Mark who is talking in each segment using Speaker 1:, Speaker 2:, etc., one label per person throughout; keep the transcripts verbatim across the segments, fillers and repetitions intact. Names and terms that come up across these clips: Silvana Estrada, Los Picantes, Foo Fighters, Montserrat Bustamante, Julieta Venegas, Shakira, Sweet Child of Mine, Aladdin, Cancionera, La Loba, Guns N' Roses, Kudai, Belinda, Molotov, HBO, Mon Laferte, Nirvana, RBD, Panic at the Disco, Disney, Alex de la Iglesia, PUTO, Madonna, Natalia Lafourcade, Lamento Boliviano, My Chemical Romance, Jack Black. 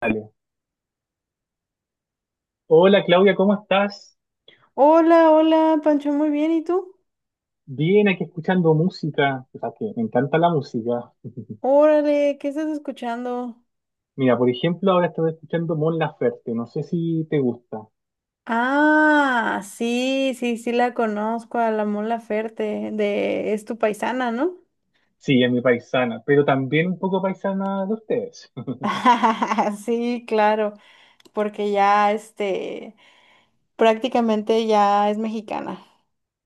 Speaker 1: Dale. Hola Claudia, ¿cómo estás?
Speaker 2: Hola, hola, Pancho, muy bien, ¿y tú?
Speaker 1: Bien, aquí escuchando música. O sea, que me encanta la música.
Speaker 2: Órale, ¿qué estás escuchando?
Speaker 1: Mira, por ejemplo, ahora estoy escuchando Mon Laferte. No sé si te gusta.
Speaker 2: Ah, sí, sí, sí la conozco, a la Mola Ferte, de Es tu paisana, ¿no?
Speaker 1: Sí, es mi paisana, pero también un poco paisana de ustedes.
Speaker 2: Sí, claro, porque ya, este, prácticamente ya es mexicana.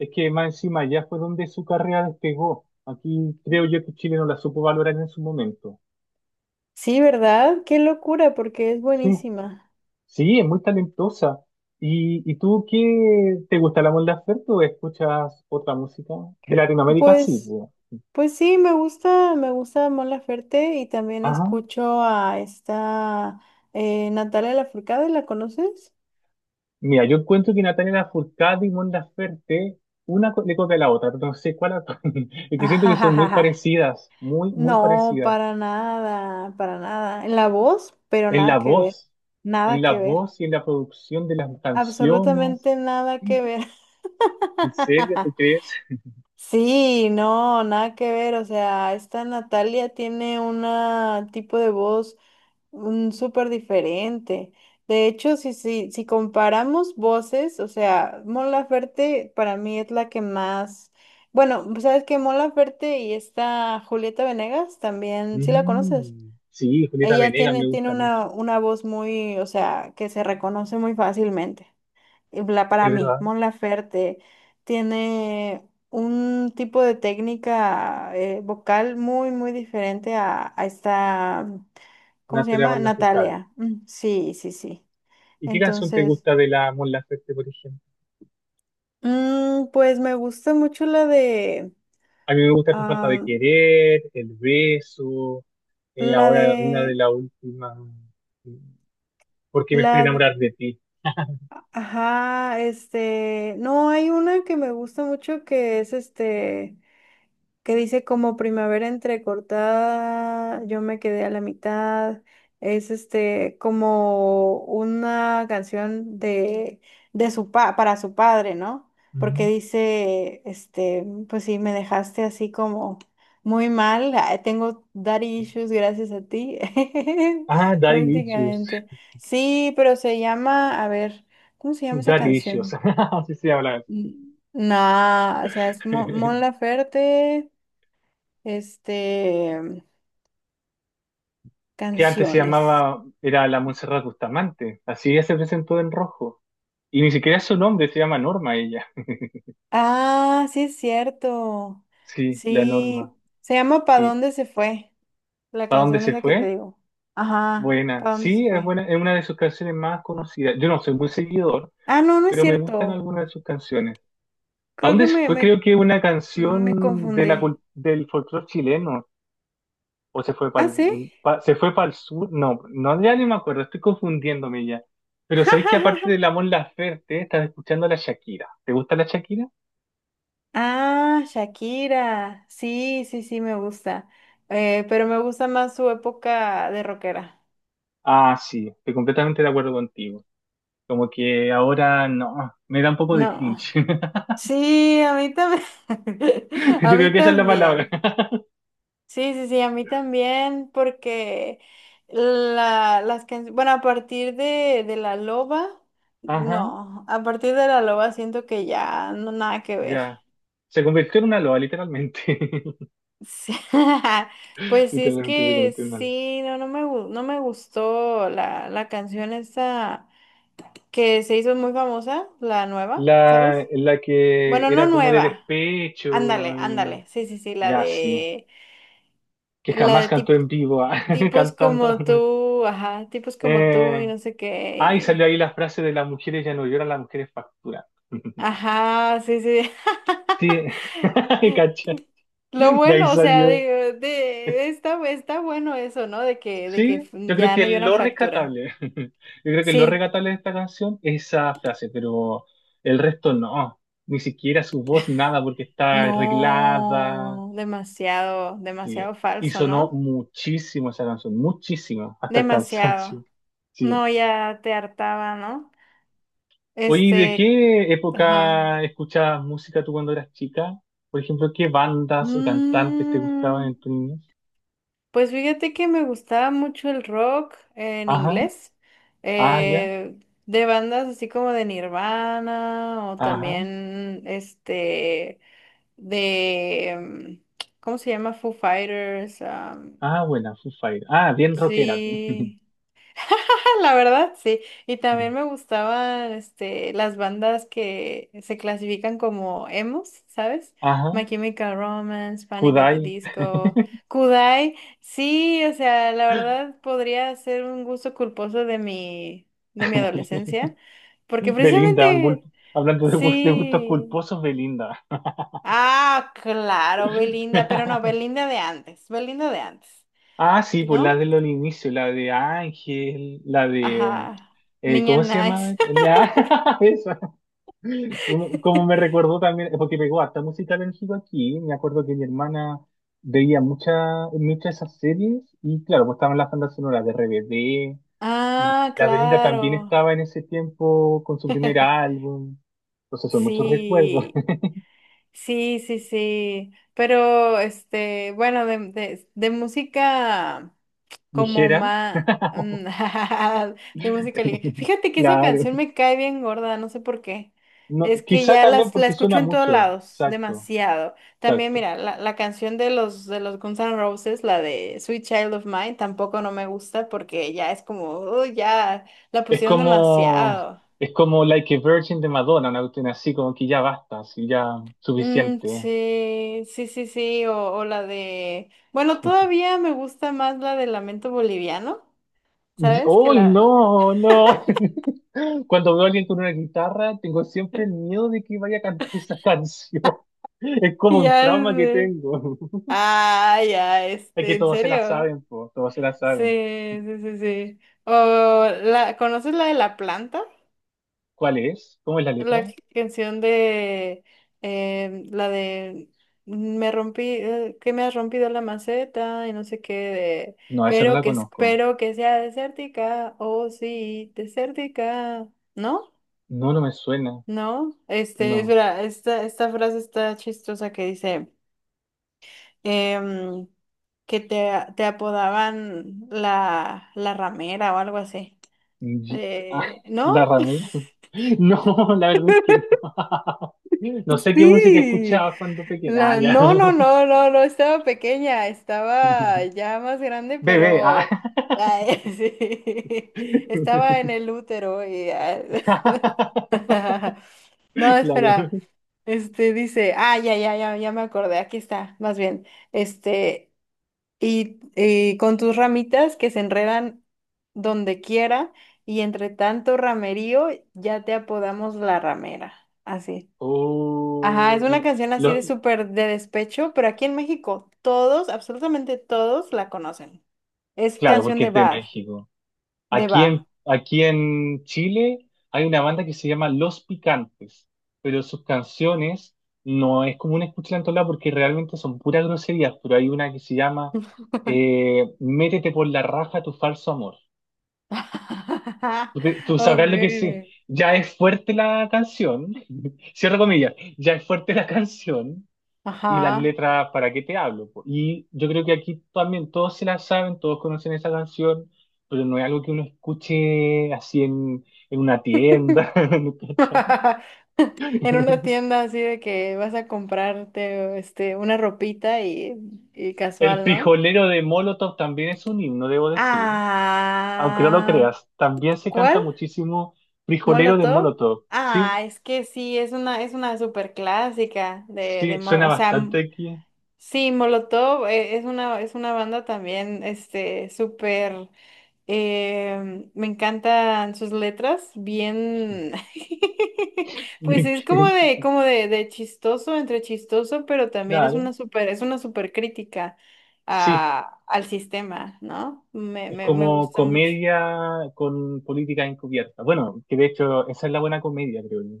Speaker 1: Es que más encima ya fue donde su carrera despegó. Aquí creo yo que Chile no la supo valorar en su momento.
Speaker 2: Sí, ¿verdad? Qué locura, porque es
Speaker 1: Sí,
Speaker 2: buenísima.
Speaker 1: sí, es muy talentosa. ¿Y, y tú qué te gusta la Mon Laferte o escuchas otra música? De Latinoamérica sí,
Speaker 2: Pues,
Speaker 1: pues.
Speaker 2: pues sí, me gusta, me gusta Mon Laferte y también
Speaker 1: Ah.
Speaker 2: escucho a esta eh, Natalia Lafourcade, ¿la conoces?
Speaker 1: Mira, yo encuentro que Natalia Lafourcade y Mon Laferte, una co- le copia a la otra, no sé cuál actúa. Es que siento que son muy
Speaker 2: Ajajaja.
Speaker 1: parecidas, muy, muy
Speaker 2: No,
Speaker 1: parecidas.
Speaker 2: para nada, para nada. En la voz, pero
Speaker 1: En
Speaker 2: nada
Speaker 1: la
Speaker 2: que ver.
Speaker 1: voz, en
Speaker 2: Nada
Speaker 1: la
Speaker 2: que ver.
Speaker 1: voz y en la producción de las canciones.
Speaker 2: Absolutamente nada que ver.
Speaker 1: ¿En serio, tú crees?
Speaker 2: Sí, no, nada que ver. O sea, esta Natalia tiene un tipo de voz. Mm, súper diferente. De hecho, si, si, si comparamos voces, o sea, Mon Laferte para mí es la que más. Bueno, pues, sabes que Mon Laferte y esta Julieta Venegas también, sí la conoces.
Speaker 1: Mm, sí, Julieta
Speaker 2: Ella
Speaker 1: Venegas
Speaker 2: tiene,
Speaker 1: me
Speaker 2: tiene
Speaker 1: gusta mucho.
Speaker 2: una, una voz muy, o sea, que se reconoce muy fácilmente la- para
Speaker 1: Es
Speaker 2: mí,
Speaker 1: verdad,
Speaker 2: Mon Laferte tiene un tipo de técnica eh, vocal muy, muy diferente a, a esta, ¿cómo se
Speaker 1: Natalia
Speaker 2: llama?
Speaker 1: Lafourcade.
Speaker 2: Natalia. Mm, sí, sí, sí.
Speaker 1: ¿Y qué canción te
Speaker 2: Entonces,
Speaker 1: gusta de la Mon Laferte, por ejemplo?
Speaker 2: mm, pues me gusta mucho la de,
Speaker 1: A mí me gusta Tu falta de
Speaker 2: ah,
Speaker 1: querer, El beso, eh,
Speaker 2: la
Speaker 1: ahora una de
Speaker 2: de,
Speaker 1: las últimas. Porque me fui a
Speaker 2: la, d-
Speaker 1: enamorar de ti.
Speaker 2: ajá, este, no, hay una que me gusta mucho que es este... que dice como primavera entrecortada, yo me quedé a la mitad. Es este como una canción de, de su pa- para su padre, ¿no? Porque
Speaker 1: Mm.
Speaker 2: dice, este, pues sí, me dejaste así como muy mal. ah, Tengo daddy issues gracias a ti.
Speaker 1: Ah, Daddy Issues.
Speaker 2: Prácticamente. Sí, pero se llama, a ver, ¿cómo se llama esa
Speaker 1: Daddy Issues.
Speaker 2: canción?
Speaker 1: Así se habla.
Speaker 2: Mm, no, o sea, es Mon Mon Laferte. Este,
Speaker 1: Que antes se
Speaker 2: Canciones.
Speaker 1: llamaba, era la Montserrat Bustamante. Así ella se presentó en rojo. Y ni siquiera es su nombre, se llama Norma ella.
Speaker 2: Ah, sí es cierto.
Speaker 1: Sí, la Norma.
Speaker 2: Sí, se llama ¿Pa
Speaker 1: Sí.
Speaker 2: dónde se fue? La
Speaker 1: ¿Para dónde
Speaker 2: canción
Speaker 1: se
Speaker 2: esa que te
Speaker 1: fue?
Speaker 2: digo. Ajá,
Speaker 1: Buena.
Speaker 2: ¿Pa dónde se
Speaker 1: Sí, es
Speaker 2: fue?
Speaker 1: buena, es una de sus canciones más conocidas. Yo no soy muy seguidor,
Speaker 2: Ah, no, no es
Speaker 1: pero me gustan
Speaker 2: cierto.
Speaker 1: algunas de sus canciones. ¿A
Speaker 2: Creo que
Speaker 1: dónde se
Speaker 2: me,
Speaker 1: fue?
Speaker 2: me,
Speaker 1: Creo que una
Speaker 2: me
Speaker 1: canción de la,
Speaker 2: confundí.
Speaker 1: cul- del folclore chileno, o se fue para
Speaker 2: Ah, sí.
Speaker 1: el, se fue para el sur, no, no, ya ni me acuerdo, estoy confundiéndome ya. Pero sabéis que aparte de la Mon Laferte, estás escuchando a la Shakira. ¿Te gusta la Shakira?
Speaker 2: Ah, Shakira. Sí, sí, sí, me gusta. Eh, pero me gusta más su época de rockera.
Speaker 1: Ah, sí, estoy completamente de acuerdo contigo. Como que ahora no, me da un poco de cringe.
Speaker 2: No. Sí, a mí también. A
Speaker 1: Yo creo
Speaker 2: mí
Speaker 1: que esa es la palabra.
Speaker 2: también. Sí, sí, sí, a mí también, porque la, las canciones, bueno, a partir de, de La Loba,
Speaker 1: Ajá,
Speaker 2: no, a partir de La Loba siento que ya no nada que ver.
Speaker 1: ya. Se convirtió en una loa, literalmente.
Speaker 2: Sí. Pues sí, es
Speaker 1: Literalmente se
Speaker 2: que
Speaker 1: convirtió en una loa.
Speaker 2: sí, no, no me, gu- no me gustó la, la canción esta que se hizo muy famosa, la nueva,
Speaker 1: La,
Speaker 2: ¿sabes?
Speaker 1: la que
Speaker 2: Bueno, no
Speaker 1: era como de
Speaker 2: nueva.
Speaker 1: despecho.
Speaker 2: Ándale,
Speaker 1: y-
Speaker 2: ándale. Sí, sí, sí, la
Speaker 1: Ya, sí.
Speaker 2: de...
Speaker 1: Que
Speaker 2: La
Speaker 1: jamás
Speaker 2: de
Speaker 1: cantó
Speaker 2: tip-
Speaker 1: en vivo, ah,
Speaker 2: tipos
Speaker 1: cantando.
Speaker 2: como tú, ajá, tipos como tú
Speaker 1: Eh,
Speaker 2: y no sé
Speaker 1: ah, y
Speaker 2: qué.
Speaker 1: salió
Speaker 2: y-
Speaker 1: ahí la frase de las mujeres ya no lloran, las mujeres facturan.
Speaker 2: Ajá, sí, sí.
Speaker 1: Sí, cacha.
Speaker 2: Lo
Speaker 1: De ahí
Speaker 2: bueno, o sea,
Speaker 1: salió.
Speaker 2: de, de- está, está bueno eso, ¿no? De que, de que
Speaker 1: Sí,
Speaker 2: f-
Speaker 1: yo creo
Speaker 2: ya
Speaker 1: que
Speaker 2: no lloran,
Speaker 1: lo
Speaker 2: facturan.
Speaker 1: rescatable, yo creo que lo
Speaker 2: Sí,
Speaker 1: rescatable de esta canción es esa frase, pero el resto no, ni siquiera su voz, nada, porque está arreglada.
Speaker 2: no, demasiado,
Speaker 1: Sí.
Speaker 2: demasiado
Speaker 1: Y
Speaker 2: falso,
Speaker 1: sonó
Speaker 2: ¿no?
Speaker 1: muchísimo esa canción, muchísimo, hasta el
Speaker 2: Demasiado.
Speaker 1: cansancio. Sí.
Speaker 2: No, ya te hartaba, ¿no?
Speaker 1: Oye, ¿y ¿de
Speaker 2: Este,
Speaker 1: qué
Speaker 2: ajá.
Speaker 1: época escuchabas música tú cuando eras chica? Por ejemplo, ¿qué bandas o cantantes te gustaban
Speaker 2: Mm.
Speaker 1: en tu niñez?
Speaker 2: Pues fíjate que me gustaba mucho el rock en
Speaker 1: Ajá,
Speaker 2: inglés,
Speaker 1: ah, ya,
Speaker 2: eh, de bandas así como de Nirvana o
Speaker 1: ajá,
Speaker 2: también este de, mm, ¿cómo se llama? Foo Fighters. am,
Speaker 1: ah, buena, Foo Fighters. Ah, bien rockera tú.
Speaker 2: sí. La verdad, sí. Y también me gustaban este, las bandas que se clasifican como emos, ¿sabes?
Speaker 1: Ajá,
Speaker 2: My Chemical Romance, Panic at the
Speaker 1: Kudai,
Speaker 2: Disco, Kudai. Sí, o sea, la verdad podría ser un gusto culposo de mi, de mi, adolescencia, porque
Speaker 1: Belinda, un gul-
Speaker 2: precisamente,
Speaker 1: hablando de, gust- de gustos
Speaker 2: sí.
Speaker 1: culposos, Belinda.
Speaker 2: Ah, claro, Belinda, pero no, Belinda de antes, Belinda de antes,
Speaker 1: Ah, sí, pues la de
Speaker 2: ¿no?
Speaker 1: los inicios, la de Ángel, la de...
Speaker 2: Ajá,
Speaker 1: eh,
Speaker 2: niña
Speaker 1: ¿cómo se
Speaker 2: nice.
Speaker 1: llama? Ah, esa. Como me recordó también, porque pegó harta música México aquí, me acuerdo que mi hermana veía mucha, muchas esas series y claro, pues estaban las bandas sonoras de R B D y
Speaker 2: Ah,
Speaker 1: la Belinda también
Speaker 2: claro.
Speaker 1: estaba en ese tiempo con su primer álbum, entonces son muchos recuerdos.
Speaker 2: Sí, sí, sí, sí. Pero, este, bueno, de, de, de música como
Speaker 1: Ligera,
Speaker 2: más... de música ligera. Fíjate que esa
Speaker 1: claro.
Speaker 2: canción me cae bien gorda, no sé por qué.
Speaker 1: No,
Speaker 2: Es que
Speaker 1: quizá
Speaker 2: ya
Speaker 1: también
Speaker 2: las, la
Speaker 1: porque
Speaker 2: escucho
Speaker 1: suena
Speaker 2: en todos
Speaker 1: mucho,
Speaker 2: lados,
Speaker 1: exacto,
Speaker 2: demasiado. También,
Speaker 1: exacto.
Speaker 2: mira, la, la canción de los, de los Guns N' Roses, la de Sweet Child of Mine, tampoco no me gusta porque ya es como, "Uy, ya la
Speaker 1: Es
Speaker 2: pusieron
Speaker 1: como,
Speaker 2: demasiado.
Speaker 1: es como Like a Virgin de Madonna, una cuestión así como que ya basta, así ya
Speaker 2: Mm,
Speaker 1: suficiente.
Speaker 2: sí, sí, sí, sí, o, o la de... Bueno, todavía me gusta más la de Lamento Boliviano, ¿sabes? Que
Speaker 1: ¡Uy,
Speaker 2: la...
Speaker 1: no, no! Cuando veo a alguien con una guitarra, tengo siempre el miedo de que vaya a cantar esa canción. Es como un
Speaker 2: Ya
Speaker 1: trauma que
Speaker 2: sé.
Speaker 1: tengo.
Speaker 2: Ah, ya,
Speaker 1: Es
Speaker 2: este,
Speaker 1: que
Speaker 2: ¿en
Speaker 1: todos se la
Speaker 2: serio?
Speaker 1: saben, po, todos se la
Speaker 2: Sí,
Speaker 1: saben.
Speaker 2: sí, sí, sí. O la... ¿Conoces la de la planta?
Speaker 1: ¿Cuál es? ¿Cómo es la letra?
Speaker 2: La canción de em, la de "Mm, me rompí, eh, que me has rompido la maceta y no sé qué de,
Speaker 1: No, esa no
Speaker 2: pero
Speaker 1: la
Speaker 2: que
Speaker 1: conozco.
Speaker 2: espero que sea desértica, oh sí, desértica, ¿no?
Speaker 1: No, no me suena.
Speaker 2: No, este,
Speaker 1: No.
Speaker 2: espera, esta, esta frase está chistosa que dice em, que te, te apodaban la, la ramera o algo así.
Speaker 1: Y- ah,
Speaker 2: Eh, ¿no?
Speaker 1: ¿la ramera? No, la verdad es que no. No sé qué música
Speaker 2: Sí.
Speaker 1: escuchaba cuando pequeña. Ah,
Speaker 2: La-
Speaker 1: ya.
Speaker 2: No, no, no, no, no estaba pequeña, estaba ya más grande,
Speaker 1: Bebé. Ah.
Speaker 2: pero ay, sí, estaba en el útero y ah, no,
Speaker 1: Claro.
Speaker 2: espera. Este dice, ah, ya, ya, ya, ya me acordé, aquí está, más bien. Este, y, y con tus ramitas que se enredan donde quiera, y entre tanto ramerío, ya te apodamos la ramera. Así. Ajá, es
Speaker 1: Oh,
Speaker 2: una
Speaker 1: lo-
Speaker 2: canción así de
Speaker 1: lo-
Speaker 2: súper de despecho, pero aquí en México todos, absolutamente todos la conocen. Es
Speaker 1: claro,
Speaker 2: canción
Speaker 1: porque
Speaker 2: de
Speaker 1: es de
Speaker 2: bar,
Speaker 1: México.
Speaker 2: de
Speaker 1: Aquí
Speaker 2: bar.
Speaker 1: en, aquí en Chile hay una banda que se llama Los Picantes, pero sus canciones no es común escucharla en todos lados porque realmente son puras groserías, pero hay una que se llama eh, Métete por la raja tu falso amor. Tú, te- tú sabrás lo que es.
Speaker 2: Ok,
Speaker 1: Ya es fuerte la canción, cierro comillas, ya es fuerte la canción, y las
Speaker 2: ajá.
Speaker 1: letras ¿Para qué te hablo? Po. Y yo creo que aquí también todos se la saben, todos conocen esa canción, pero no es algo que uno escuche así en, en una tienda. ¿Cachai?
Speaker 2: En una tienda así de que vas a comprarte este, una ropita y, y
Speaker 1: El
Speaker 2: casual, ¿no?
Speaker 1: frijolero de Molotov también es un himno, debo decir. Aunque no lo
Speaker 2: Ah,
Speaker 1: creas, también se
Speaker 2: ¿cuál?
Speaker 1: canta muchísimo frijolero de
Speaker 2: ¿Molotov?
Speaker 1: Molotov. Sí,
Speaker 2: Ah, es que sí, es una, es una súper clásica de, de,
Speaker 1: sí,
Speaker 2: Mo-
Speaker 1: suena
Speaker 2: o sea...
Speaker 1: bastante aquí.
Speaker 2: Sí, Molotov eh, es una, es una banda también, este, súper, eh, me encantan sus letras, bien, pues
Speaker 1: Bien
Speaker 2: es como
Speaker 1: que-
Speaker 2: de, como de, de chistoso, entre chistoso, pero también es
Speaker 1: Claro,
Speaker 2: una súper, es una súper crítica
Speaker 1: sí.
Speaker 2: a, al sistema, ¿no? Me,
Speaker 1: Es
Speaker 2: me, me
Speaker 1: como
Speaker 2: gusta mucho.
Speaker 1: comedia con política encubierta. Bueno, que de hecho esa es la buena comedia, creo yo.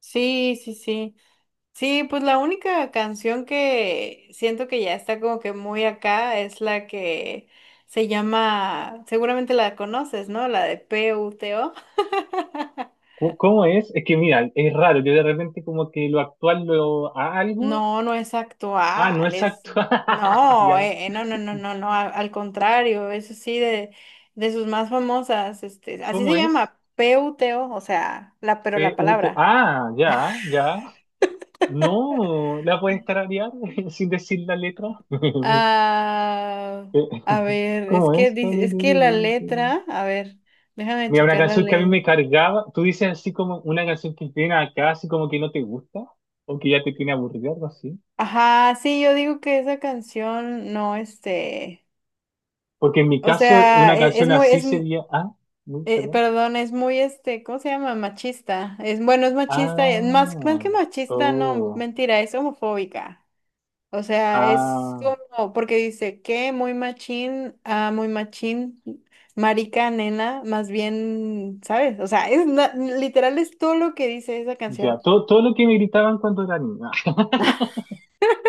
Speaker 2: Sí, sí, sí. Sí, pues la única canción que siento que ya está como que muy acá es la que se llama, seguramente la conoces, ¿no? La de PUTO.
Speaker 1: ¿Cómo cómo es? Es que mira, es raro, yo de repente como que lo actual lo a algo.
Speaker 2: No, no es
Speaker 1: Ah, no
Speaker 2: actual,
Speaker 1: es
Speaker 2: es,
Speaker 1: actual.
Speaker 2: no,
Speaker 1: Ya.
Speaker 2: eh, eh, no, no, no, no, no, al, al contrario, eso sí, de, de sus más famosas, este, así
Speaker 1: ¿Cómo
Speaker 2: se
Speaker 1: es?
Speaker 2: llama, PUTO, o o sea, la, pero
Speaker 1: P
Speaker 2: la
Speaker 1: U T-
Speaker 2: palabra.
Speaker 1: Ah, ya, ya. No, la puedes tararear sin decir la letra.
Speaker 2: Ah, a ver, es
Speaker 1: ¿Cómo
Speaker 2: que,
Speaker 1: es?
Speaker 2: dice- es que la letra, a ver, déjame
Speaker 1: Mira, una
Speaker 2: checar la
Speaker 1: canción que a mí
Speaker 2: letra.
Speaker 1: me cargaba, tú dices así como una canción que tiene acá, así como que no te gusta, o que ya te tiene aburrido algo así.
Speaker 2: Ajá, sí, yo digo que esa canción no, este,
Speaker 1: Porque en mi
Speaker 2: o
Speaker 1: caso,
Speaker 2: sea,
Speaker 1: una
Speaker 2: e- es,
Speaker 1: canción
Speaker 2: muy,
Speaker 1: así
Speaker 2: es, m-
Speaker 1: sería, ah, uy,
Speaker 2: eh,
Speaker 1: perdón,
Speaker 2: perdón, es muy, este, ¿cómo se llama? Machista. Es, bueno, es machista, es
Speaker 1: ah,
Speaker 2: más, más que machista, no,
Speaker 1: oh,
Speaker 2: mentira, es homofóbica. O sea, es
Speaker 1: ah,
Speaker 2: como, porque dice que muy machín, ah, muy machín, marica, nena, más bien, ¿sabes? O sea, es na- literal es todo lo que dice esa canción.
Speaker 1: ya, todo, todo lo que me gritaban cuando era niña,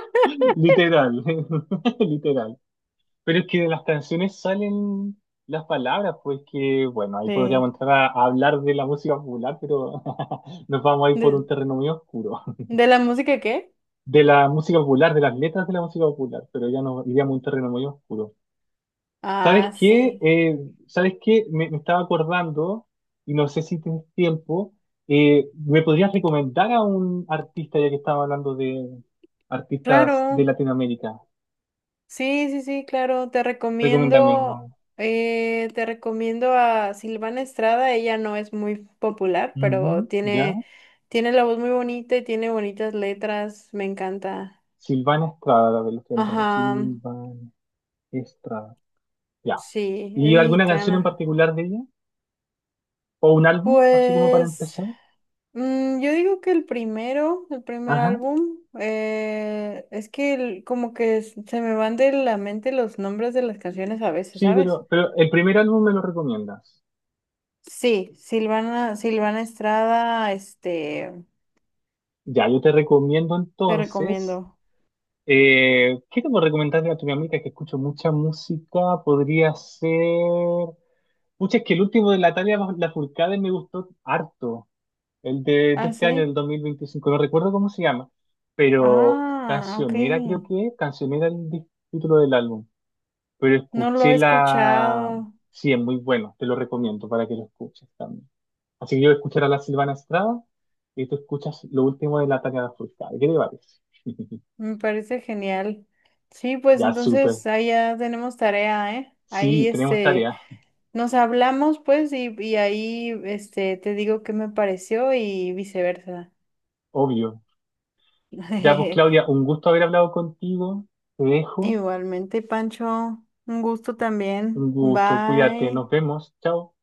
Speaker 1: literal, literal. Pero es que de las canciones salen las palabras, pues que, bueno, ahí podríamos
Speaker 2: Sí.
Speaker 1: entrar a, a hablar de la música popular, pero nos vamos a ir por un
Speaker 2: ¿De,
Speaker 1: terreno muy oscuro.
Speaker 2: de la música qué?
Speaker 1: De la música popular, de las letras de la música popular, pero ya nos iríamos a un terreno muy oscuro. ¿Sabes
Speaker 2: Ah,
Speaker 1: qué?
Speaker 2: sí,
Speaker 1: Eh, ¿sabes qué? Me, me estaba acordando, y no sé si tienes tiempo, eh, ¿me podrías recomendar a un artista, ya que estaba hablando de artistas de
Speaker 2: claro.
Speaker 1: Latinoamérica?
Speaker 2: Sí, sí, sí, claro. Te
Speaker 1: Recomiéndame
Speaker 2: recomiendo,
Speaker 1: uno.
Speaker 2: eh, te recomiendo a Silvana Estrada. Ella no es muy popular, pero
Speaker 1: Ujú, ¿ya?
Speaker 2: tiene, tiene la voz muy bonita y tiene bonitas letras. Me encanta.
Speaker 1: Silvana Estrada, la de los tempranos.
Speaker 2: Ajá,
Speaker 1: Silvana Estrada, ya.
Speaker 2: sí, es
Speaker 1: ¿Y alguna canción en
Speaker 2: mexicana.
Speaker 1: particular de ella? ¿O un álbum, así como para
Speaker 2: Pues,
Speaker 1: empezar?
Speaker 2: mm, yo digo que el primero, el primer álbum, eh, es que el- como que s- se me van de la mente los nombres de las canciones a veces,
Speaker 1: Sí,
Speaker 2: ¿sabes?
Speaker 1: pero, pero el primer álbum me lo recomiendas.
Speaker 2: Sí, Silvana, Silvana Estrada, este,
Speaker 1: Ya, yo te recomiendo
Speaker 2: te
Speaker 1: entonces.
Speaker 2: recomiendo.
Speaker 1: Eh, ¿qué te puedo recomendar de Latinoamérica? Que escucho mucha música. Podría ser. Pucha, es que el último de Natalia Lafourcade me gustó harto. El de, de
Speaker 2: Ah,
Speaker 1: este año,
Speaker 2: sí.
Speaker 1: del dos mil veinticinco. No recuerdo cómo se llama. Pero
Speaker 2: Ah, ok.
Speaker 1: Cancionera, creo que es. Cancionera es el di- título del álbum. Pero
Speaker 2: No lo
Speaker 1: escuché
Speaker 2: he
Speaker 1: la...
Speaker 2: escuchado.
Speaker 1: Sí, es muy bueno, te lo recomiendo para que lo escuches también. Así que yo voy a escuchar a la Silvana Estrada y tú escuchas lo último de la tarea de Fulcade. ¿Qué te parece?
Speaker 2: Me parece genial. Sí, pues
Speaker 1: Ya, súper.
Speaker 2: entonces ahí ya tenemos tarea, ¿eh?
Speaker 1: Sí,
Speaker 2: Ahí,
Speaker 1: tenemos
Speaker 2: este,
Speaker 1: tarea,
Speaker 2: nos hablamos, pues, y, y ahí, este, te digo qué me pareció y viceversa.
Speaker 1: obvio. Ya, pues Claudia, un gusto haber hablado contigo. Te dejo.
Speaker 2: Igualmente, Pancho, un gusto también.
Speaker 1: Un gusto, cuídate,
Speaker 2: Bye.
Speaker 1: nos vemos. Chao.